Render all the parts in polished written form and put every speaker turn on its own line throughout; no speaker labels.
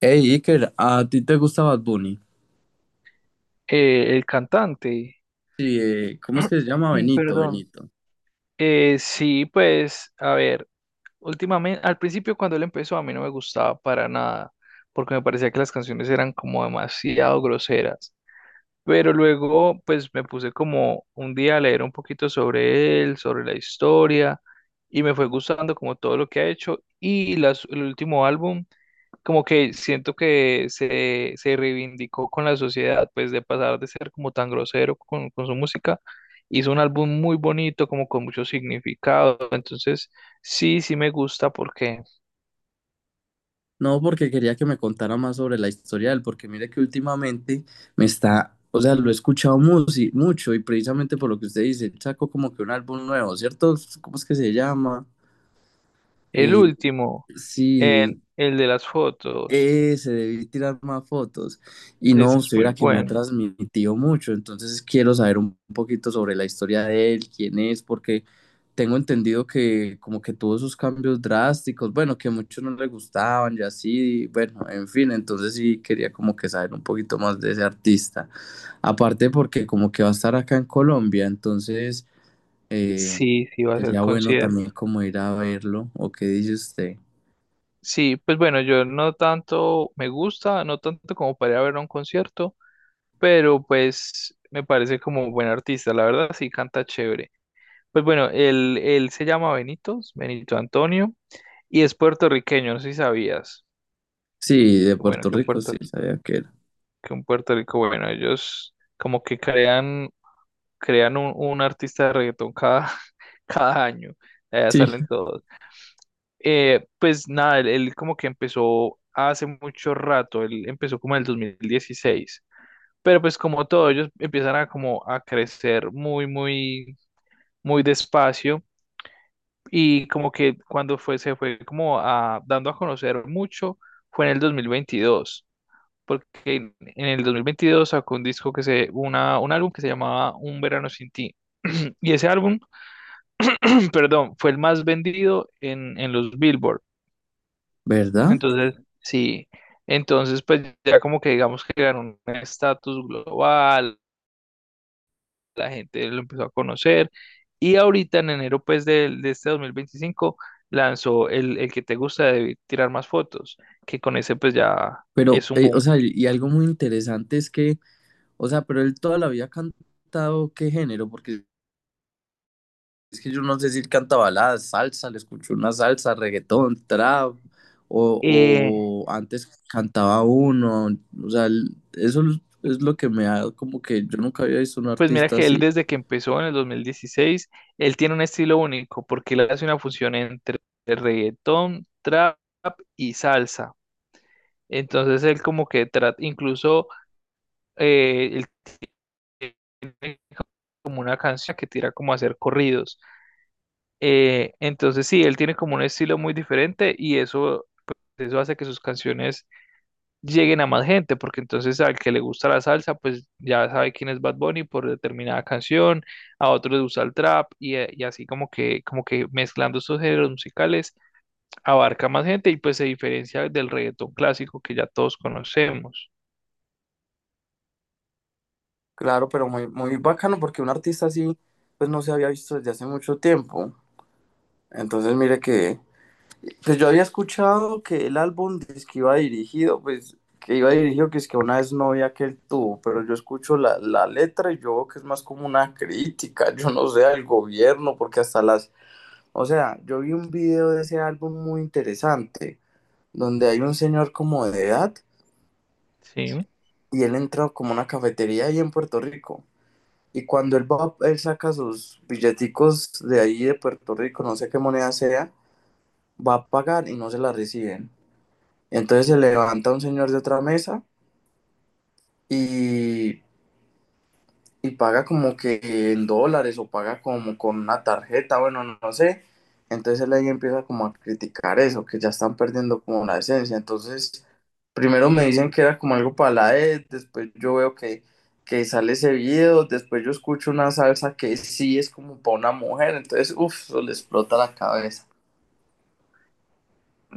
Hey Iker, ¿a ti te gusta Bad Bunny?
El cantante.
Sí, ¿cómo es que se llama? Benito,
Perdón.
Benito.
Sí, pues, a ver, últimamente, al principio cuando él empezó a mí no me gustaba para nada, porque me parecía que las canciones eran como demasiado groseras. Pero luego, pues, me puse como un día a leer un poquito sobre él, sobre la historia, y me fue gustando como todo lo que ha hecho. El último álbum como que siento que se reivindicó con la sociedad, pues de pasar de ser como tan grosero con su música, hizo un álbum muy bonito, como con mucho significado, entonces sí, sí me gusta porque
No, porque quería que me contara más sobre la historia de él, porque mire que últimamente me está, o sea, lo he escuchado sí, mucho y precisamente por lo que usted dice, sacó como que un álbum nuevo, ¿cierto? ¿Cómo es que se llama?
el
Eh,
último,
sí.
el de las fotos,
Ese, debí tirar más fotos. Y no,
ese es
usted
muy
verá que me ha
bueno,
transmitido mucho, entonces quiero saber un poquito sobre la historia de él, quién es, porque tengo entendido que como que tuvo esos cambios drásticos, bueno, que muchos no le gustaban y así, bueno, en fin, entonces sí quería como que saber un poquito más de ese artista. Aparte porque como que va a estar acá en Colombia, entonces eh,
sí, sí va a ser
sería bueno también
concierto.
como ir a verlo, ¿o qué dice usted?
Sí, pues bueno, yo no tanto me gusta, no tanto como para ir a ver a un concierto, pero pues me parece como buen artista, la verdad sí canta chévere. Pues bueno, él se llama Benitos, Benito Antonio, y es puertorriqueño, no sé si sabías.
Sí, de
Qué bueno
Puerto Rico, sí, sabía que era.
Que un Puerto Rico, bueno, ellos como que crean un artista de reggaetón cada, cada año, allá
Sí.
salen todos. Pues nada, él como que empezó hace mucho rato, él empezó como en el 2016. Pero pues como todo, ellos empiezan a como a crecer muy, muy, muy despacio. Y como que cuando fue, se fue como dando a conocer mucho, fue en el 2022, porque en el 2022 sacó un disco un álbum que se llamaba Un Verano Sin Ti. Y ese álbum, perdón, fue el más vendido en los Billboard.
¿Verdad?
Entonces, sí, entonces pues ya como que digamos que ganó un estatus global, la gente lo empezó a conocer. Y ahorita en enero pues de este 2025 lanzó el que te gusta de tirar más fotos, que con ese pues ya
Pero,
es un
o
boom.
sea, y algo muy interesante es que, o sea, pero él toda la vida ha cantado qué género, porque es que yo no sé si él canta baladas, salsa, le escucho una salsa, reggaetón, trap, o,
Eh,
o antes cantaba uno, o sea, eso es lo que me ha, como que yo nunca había visto un
pues mira
artista
que él
así.
desde que empezó en el 2016 él tiene un estilo único porque él hace una fusión entre reggaetón, trap y salsa. Entonces él como que trata, incluso él tiene como una canción que tira como a hacer corridos. Entonces sí, él tiene como un estilo muy diferente y eso hace que sus canciones lleguen a más gente, porque entonces al que le gusta la salsa, pues ya sabe quién es Bad Bunny por determinada canción, a otros les gusta el trap y así como que mezclando estos géneros musicales abarca más gente y pues se diferencia del reggaetón clásico que ya todos conocemos.
Claro, pero muy, muy bacano porque un artista así, pues no se había visto desde hace mucho tiempo. Entonces, mire que pues yo había escuchado que el álbum es que iba dirigido, pues que iba dirigido que es que a una vez novia que él tuvo, pero yo escucho la letra y yo veo que es más como una crítica, yo no sé, al gobierno, porque hasta las, o sea, yo vi un video de ese álbum muy interesante, donde hay un señor como de edad
Sí.
y él entra como a una cafetería ahí en Puerto Rico. Y cuando él va, él saca sus billeticos de ahí de Puerto Rico, no sé qué moneda sea, va a pagar y no se la reciben. Entonces se levanta un señor de otra mesa y, paga como que en dólares o paga como con una tarjeta, bueno, no, no sé. Entonces él ahí empieza como a criticar eso, que ya están perdiendo como la esencia. Entonces, primero me dicen que era como algo para la ED después yo veo que, sale ese video, después yo escucho una salsa que sí es como para una mujer. Entonces, uff, eso le explota la cabeza.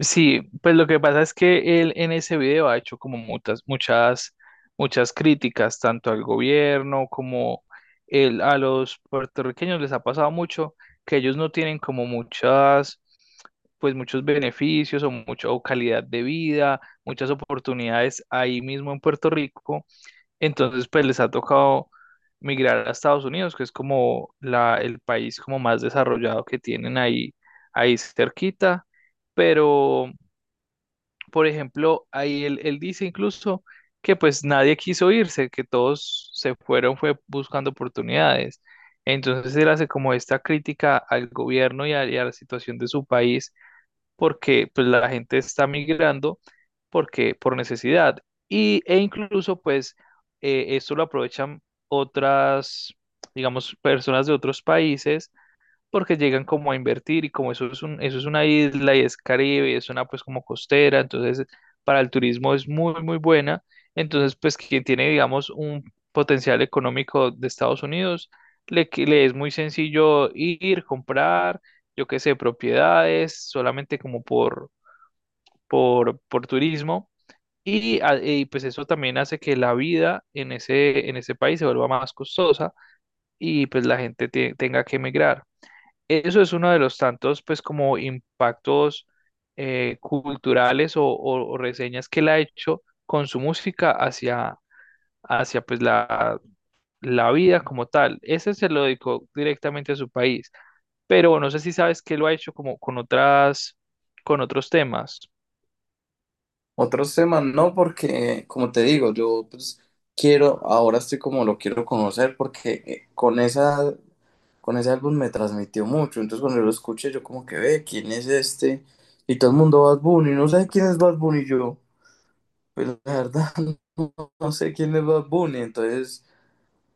Sí, pues lo que pasa es que él en ese video ha hecho como muchas, muchas, muchas críticas, tanto al gobierno como él, a los puertorriqueños les ha pasado mucho que ellos no tienen como muchas, pues muchos beneficios o mucha o calidad de vida, muchas oportunidades ahí mismo en Puerto Rico. Entonces, pues les ha tocado migrar a Estados Unidos, que es como el país como más desarrollado que tienen ahí, ahí cerquita. Pero por ejemplo, ahí él dice incluso que pues nadie quiso irse, que todos se fueron, fue buscando oportunidades. Entonces él hace como esta crítica al gobierno y a la situación de su país, porque pues la gente está migrando porque, por necesidad. Y, e incluso pues esto lo aprovechan otras, digamos, personas de otros países porque llegan como a invertir y como eso es una isla y es Caribe y es una pues como costera, entonces para el turismo es muy muy buena, entonces pues quien tiene digamos un potencial económico de Estados Unidos, le es muy sencillo ir, comprar, yo qué sé, propiedades, solamente como por, por turismo. Y pues eso también hace que la vida en ese, país se vuelva más costosa y pues la gente tenga que emigrar. Eso es uno de los tantos, pues, como impactos culturales o, o reseñas que él ha hecho con su música hacia pues, la vida como tal. Ese se lo dedicó directamente a su país, pero no sé si sabes que lo ha hecho como con otras, con otros temas.
Otros temas no, porque como te digo, yo pues quiero, ahora estoy como lo quiero conocer porque con ese álbum me transmitió mucho, entonces cuando yo lo escuché yo como que ve, ¿quién es este? Y todo el mundo Bad Bunny, no sé quién es Bad Bunny yo, pues la verdad no, no sé quién es Bad Bunny, entonces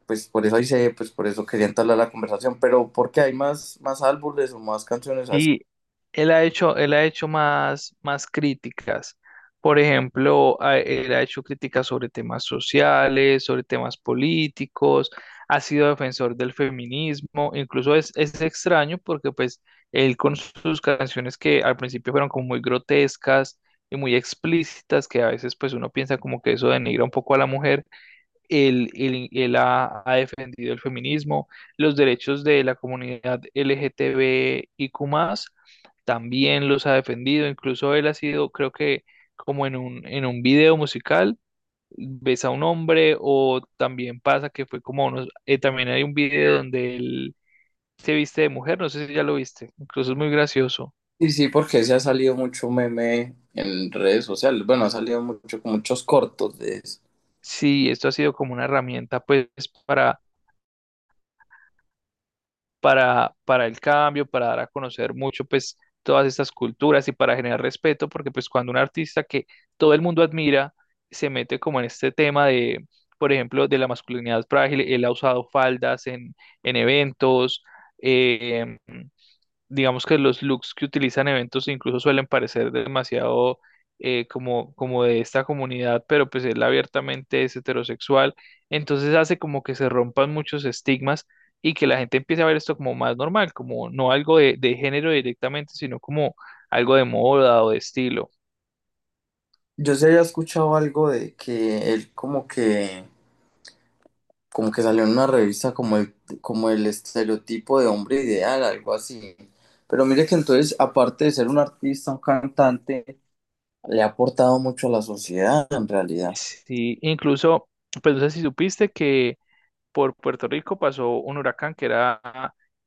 pues por eso quería entablar la conversación, pero porque hay más álbumes o más canciones.
Y él ha hecho más críticas. Por ejemplo, él ha hecho críticas sobre temas sociales, sobre temas políticos, ha sido defensor del feminismo, incluso es extraño porque pues él con sus canciones que al principio fueron como muy grotescas y muy explícitas, que a veces pues uno piensa como que eso denigra un poco a la mujer, él ha defendido el feminismo, los derechos de la comunidad LGTBIQ+, también los ha defendido, incluso él ha sido, creo que como en un video musical, ves a un hombre o también pasa que fue como unos, también hay un video donde él se viste de mujer, no sé si ya lo viste, incluso es muy gracioso.
Sí, sí, porque se ha salido mucho meme en redes sociales. Bueno, ha salido mucho, muchos cortos de eso.
Sí, esto ha sido como una herramienta pues para para el cambio, para dar a conocer mucho, pues, todas estas culturas y para generar respeto, porque pues cuando un artista que todo el mundo admira se mete como en este tema de, por ejemplo, de la masculinidad frágil, él ha usado faldas en eventos, eh, digamos que los looks que utilizan eventos incluso suelen parecer demasiado como de esta comunidad, pero pues él abiertamente es heterosexual, entonces hace como que se rompan muchos estigmas y que la gente empiece a ver esto como más normal, como no algo de género directamente, sino como algo de moda o de estilo.
Yo sí había escuchado algo de que él como que salió en una revista como el estereotipo de hombre ideal, algo así. Pero mire que entonces, aparte de ser un artista, un cantante, le ha aportado mucho a la sociedad en realidad.
Sí, incluso, pues no sé si supiste que por Puerto Rico pasó un huracán que era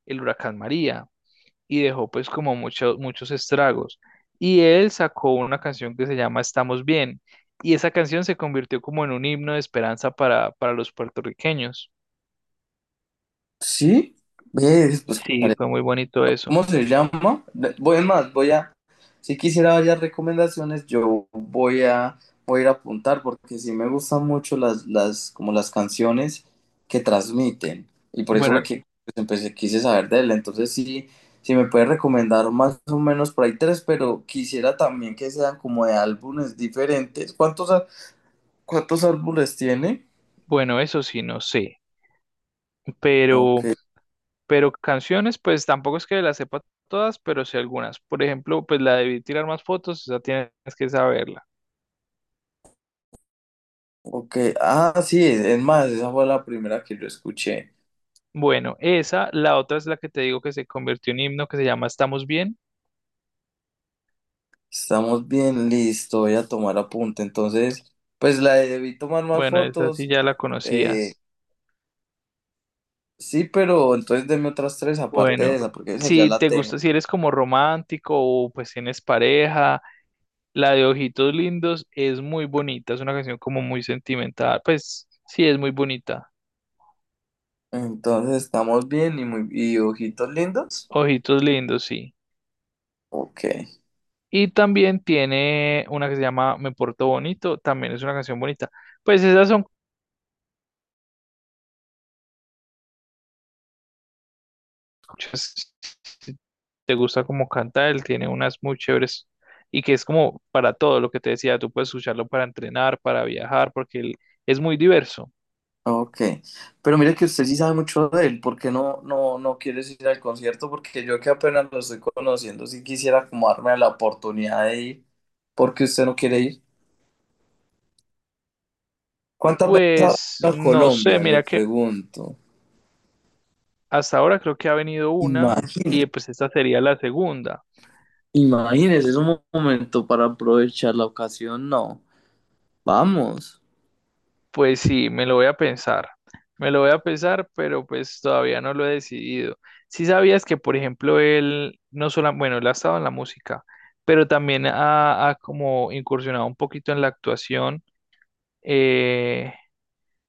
el huracán María. Y dejó pues como muchos muchos estragos. Y él sacó una canción que se llama Estamos Bien, y esa canción se convirtió como en un himno de esperanza para los puertorriqueños.
Sí, ¿ves? Pues,
Sí, fue muy bonito eso.
¿cómo se llama? De- Voy es más, voy a, si quisiera varias recomendaciones, yo voy a ir a apuntar porque sí me gustan mucho las, como las canciones que transmiten. Y por eso fue
Bueno,
que pues, quise saber de él. Entonces sí, sí me puede recomendar más o menos por ahí tres, pero quisiera también que sean como de álbumes diferentes. ¿Cuántos, cuántos álbumes tiene?
bueno, eso sí, no sé,
Ok,
pero, pero canciones, pues tampoco es que las sepa todas, pero sí algunas. Por ejemplo, pues la de tirar más fotos, esa tienes que saberla.
ok. Ah, sí, es más, esa fue la primera que yo escuché.
Bueno, esa, la otra es la que te digo que se convirtió en himno, que se llama Estamos Bien.
Estamos bien, listo, voy a tomar apunte. Entonces, pues la de debí tomar más
Bueno, esa sí
fotos.
ya la
eh,
conocías.
sí, pero entonces deme otras tres aparte de
Bueno,
esa, porque esa ya
si
la
te
tengo.
gusta, si eres como romántico o pues tienes pareja, la de Ojitos Lindos es muy bonita, es una canción como muy sentimental, pues sí, es muy bonita.
Entonces, estamos bien y muy y ojitos lindos.
Ojitos Lindos, sí.
Ok,
Y también tiene una que se llama Me Porto Bonito, también es una canción bonita. Pues esas son, muchas, si te gusta como canta él, tiene unas muy chéveres y que es como para todo lo que te decía, tú puedes escucharlo para entrenar, para viajar, porque él es muy diverso.
ok. Pero mire que usted sí sabe mucho de él, ¿por qué no, no, no quieres ir al concierto? Porque yo que apenas lo estoy conociendo, sí quisiera como darme la oportunidad de ir, porque usted no quiere ir. ¿Cuántas veces ha venido
Pues
a
no sé,
Colombia? Le
mira que
pregunto.
hasta ahora creo que ha venido
Y
una
más.
y pues esta sería la segunda.
Imagínense, es un momento para aprovechar la ocasión, no. Vamos.
Pues sí, me lo voy a pensar, me lo voy a pensar, pero pues todavía no lo he decidido. Si sabías que, por ejemplo, él no solo, bueno, él ha estado en la música, pero también ha, ha como incursionado un poquito en la actuación. Eh,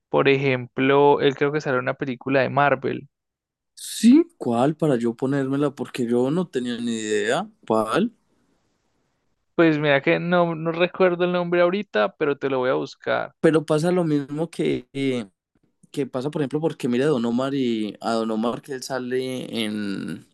por ejemplo, él creo que salió en una película de Marvel.
Sí, ¿cuál? Para yo ponérmela, porque yo no tenía ni idea. ¿Cuál?
Pues mira que no, no recuerdo el nombre ahorita, pero te lo voy a buscar
Pero pasa lo mismo que, que pasa, por ejemplo, porque mira a Don Omar y a Don Omar que él sale en,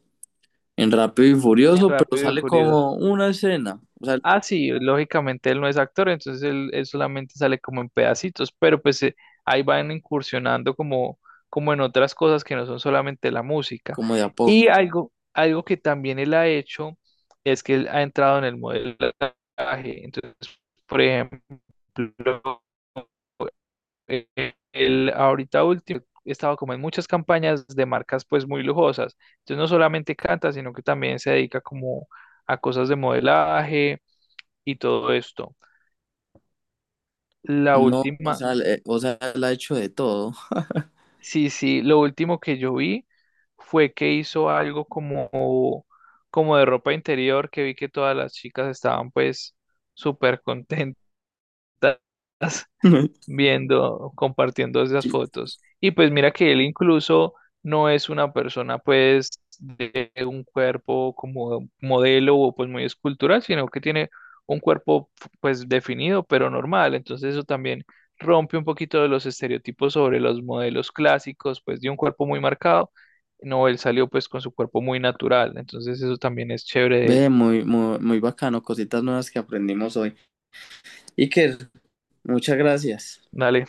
en Rápido y
en
Furioso, pero
Rápido y
sale
Furioso.
como una escena, o sea,
Ah, sí, lógicamente él no es actor, entonces él solamente sale como en pedacitos, pero pues ahí van incursionando como, como en otras cosas que no son solamente la música.
como de a
Y
poco.
algo que también él ha hecho es que él ha entrado en el modelaje. Entonces, por ejemplo, eh, él ahorita último he estado como en muchas campañas de marcas pues muy lujosas. Entonces no solamente canta, sino que también se dedica como a cosas de modelaje y todo esto. La
No, o
última,
sea, o sea, él ha hecho de todo.
sí, sí, lo último que yo vi fue que hizo algo como, como de ropa interior, que vi que todas las chicas estaban pues súper contentas viendo, compartiendo esas
Sí.
fotos. Y pues mira que él incluso no es una persona pues de un cuerpo como modelo o pues muy escultural, sino que tiene un cuerpo pues definido pero normal. Entonces eso también rompe un poquito de los estereotipos sobre los modelos clásicos pues de un cuerpo muy marcado. No, él salió pues con su cuerpo muy natural. Entonces eso también es chévere de él.
Ve, muy, muy, muy bacano, cositas nuevas que aprendimos hoy. Iker, muchas gracias.
Dale.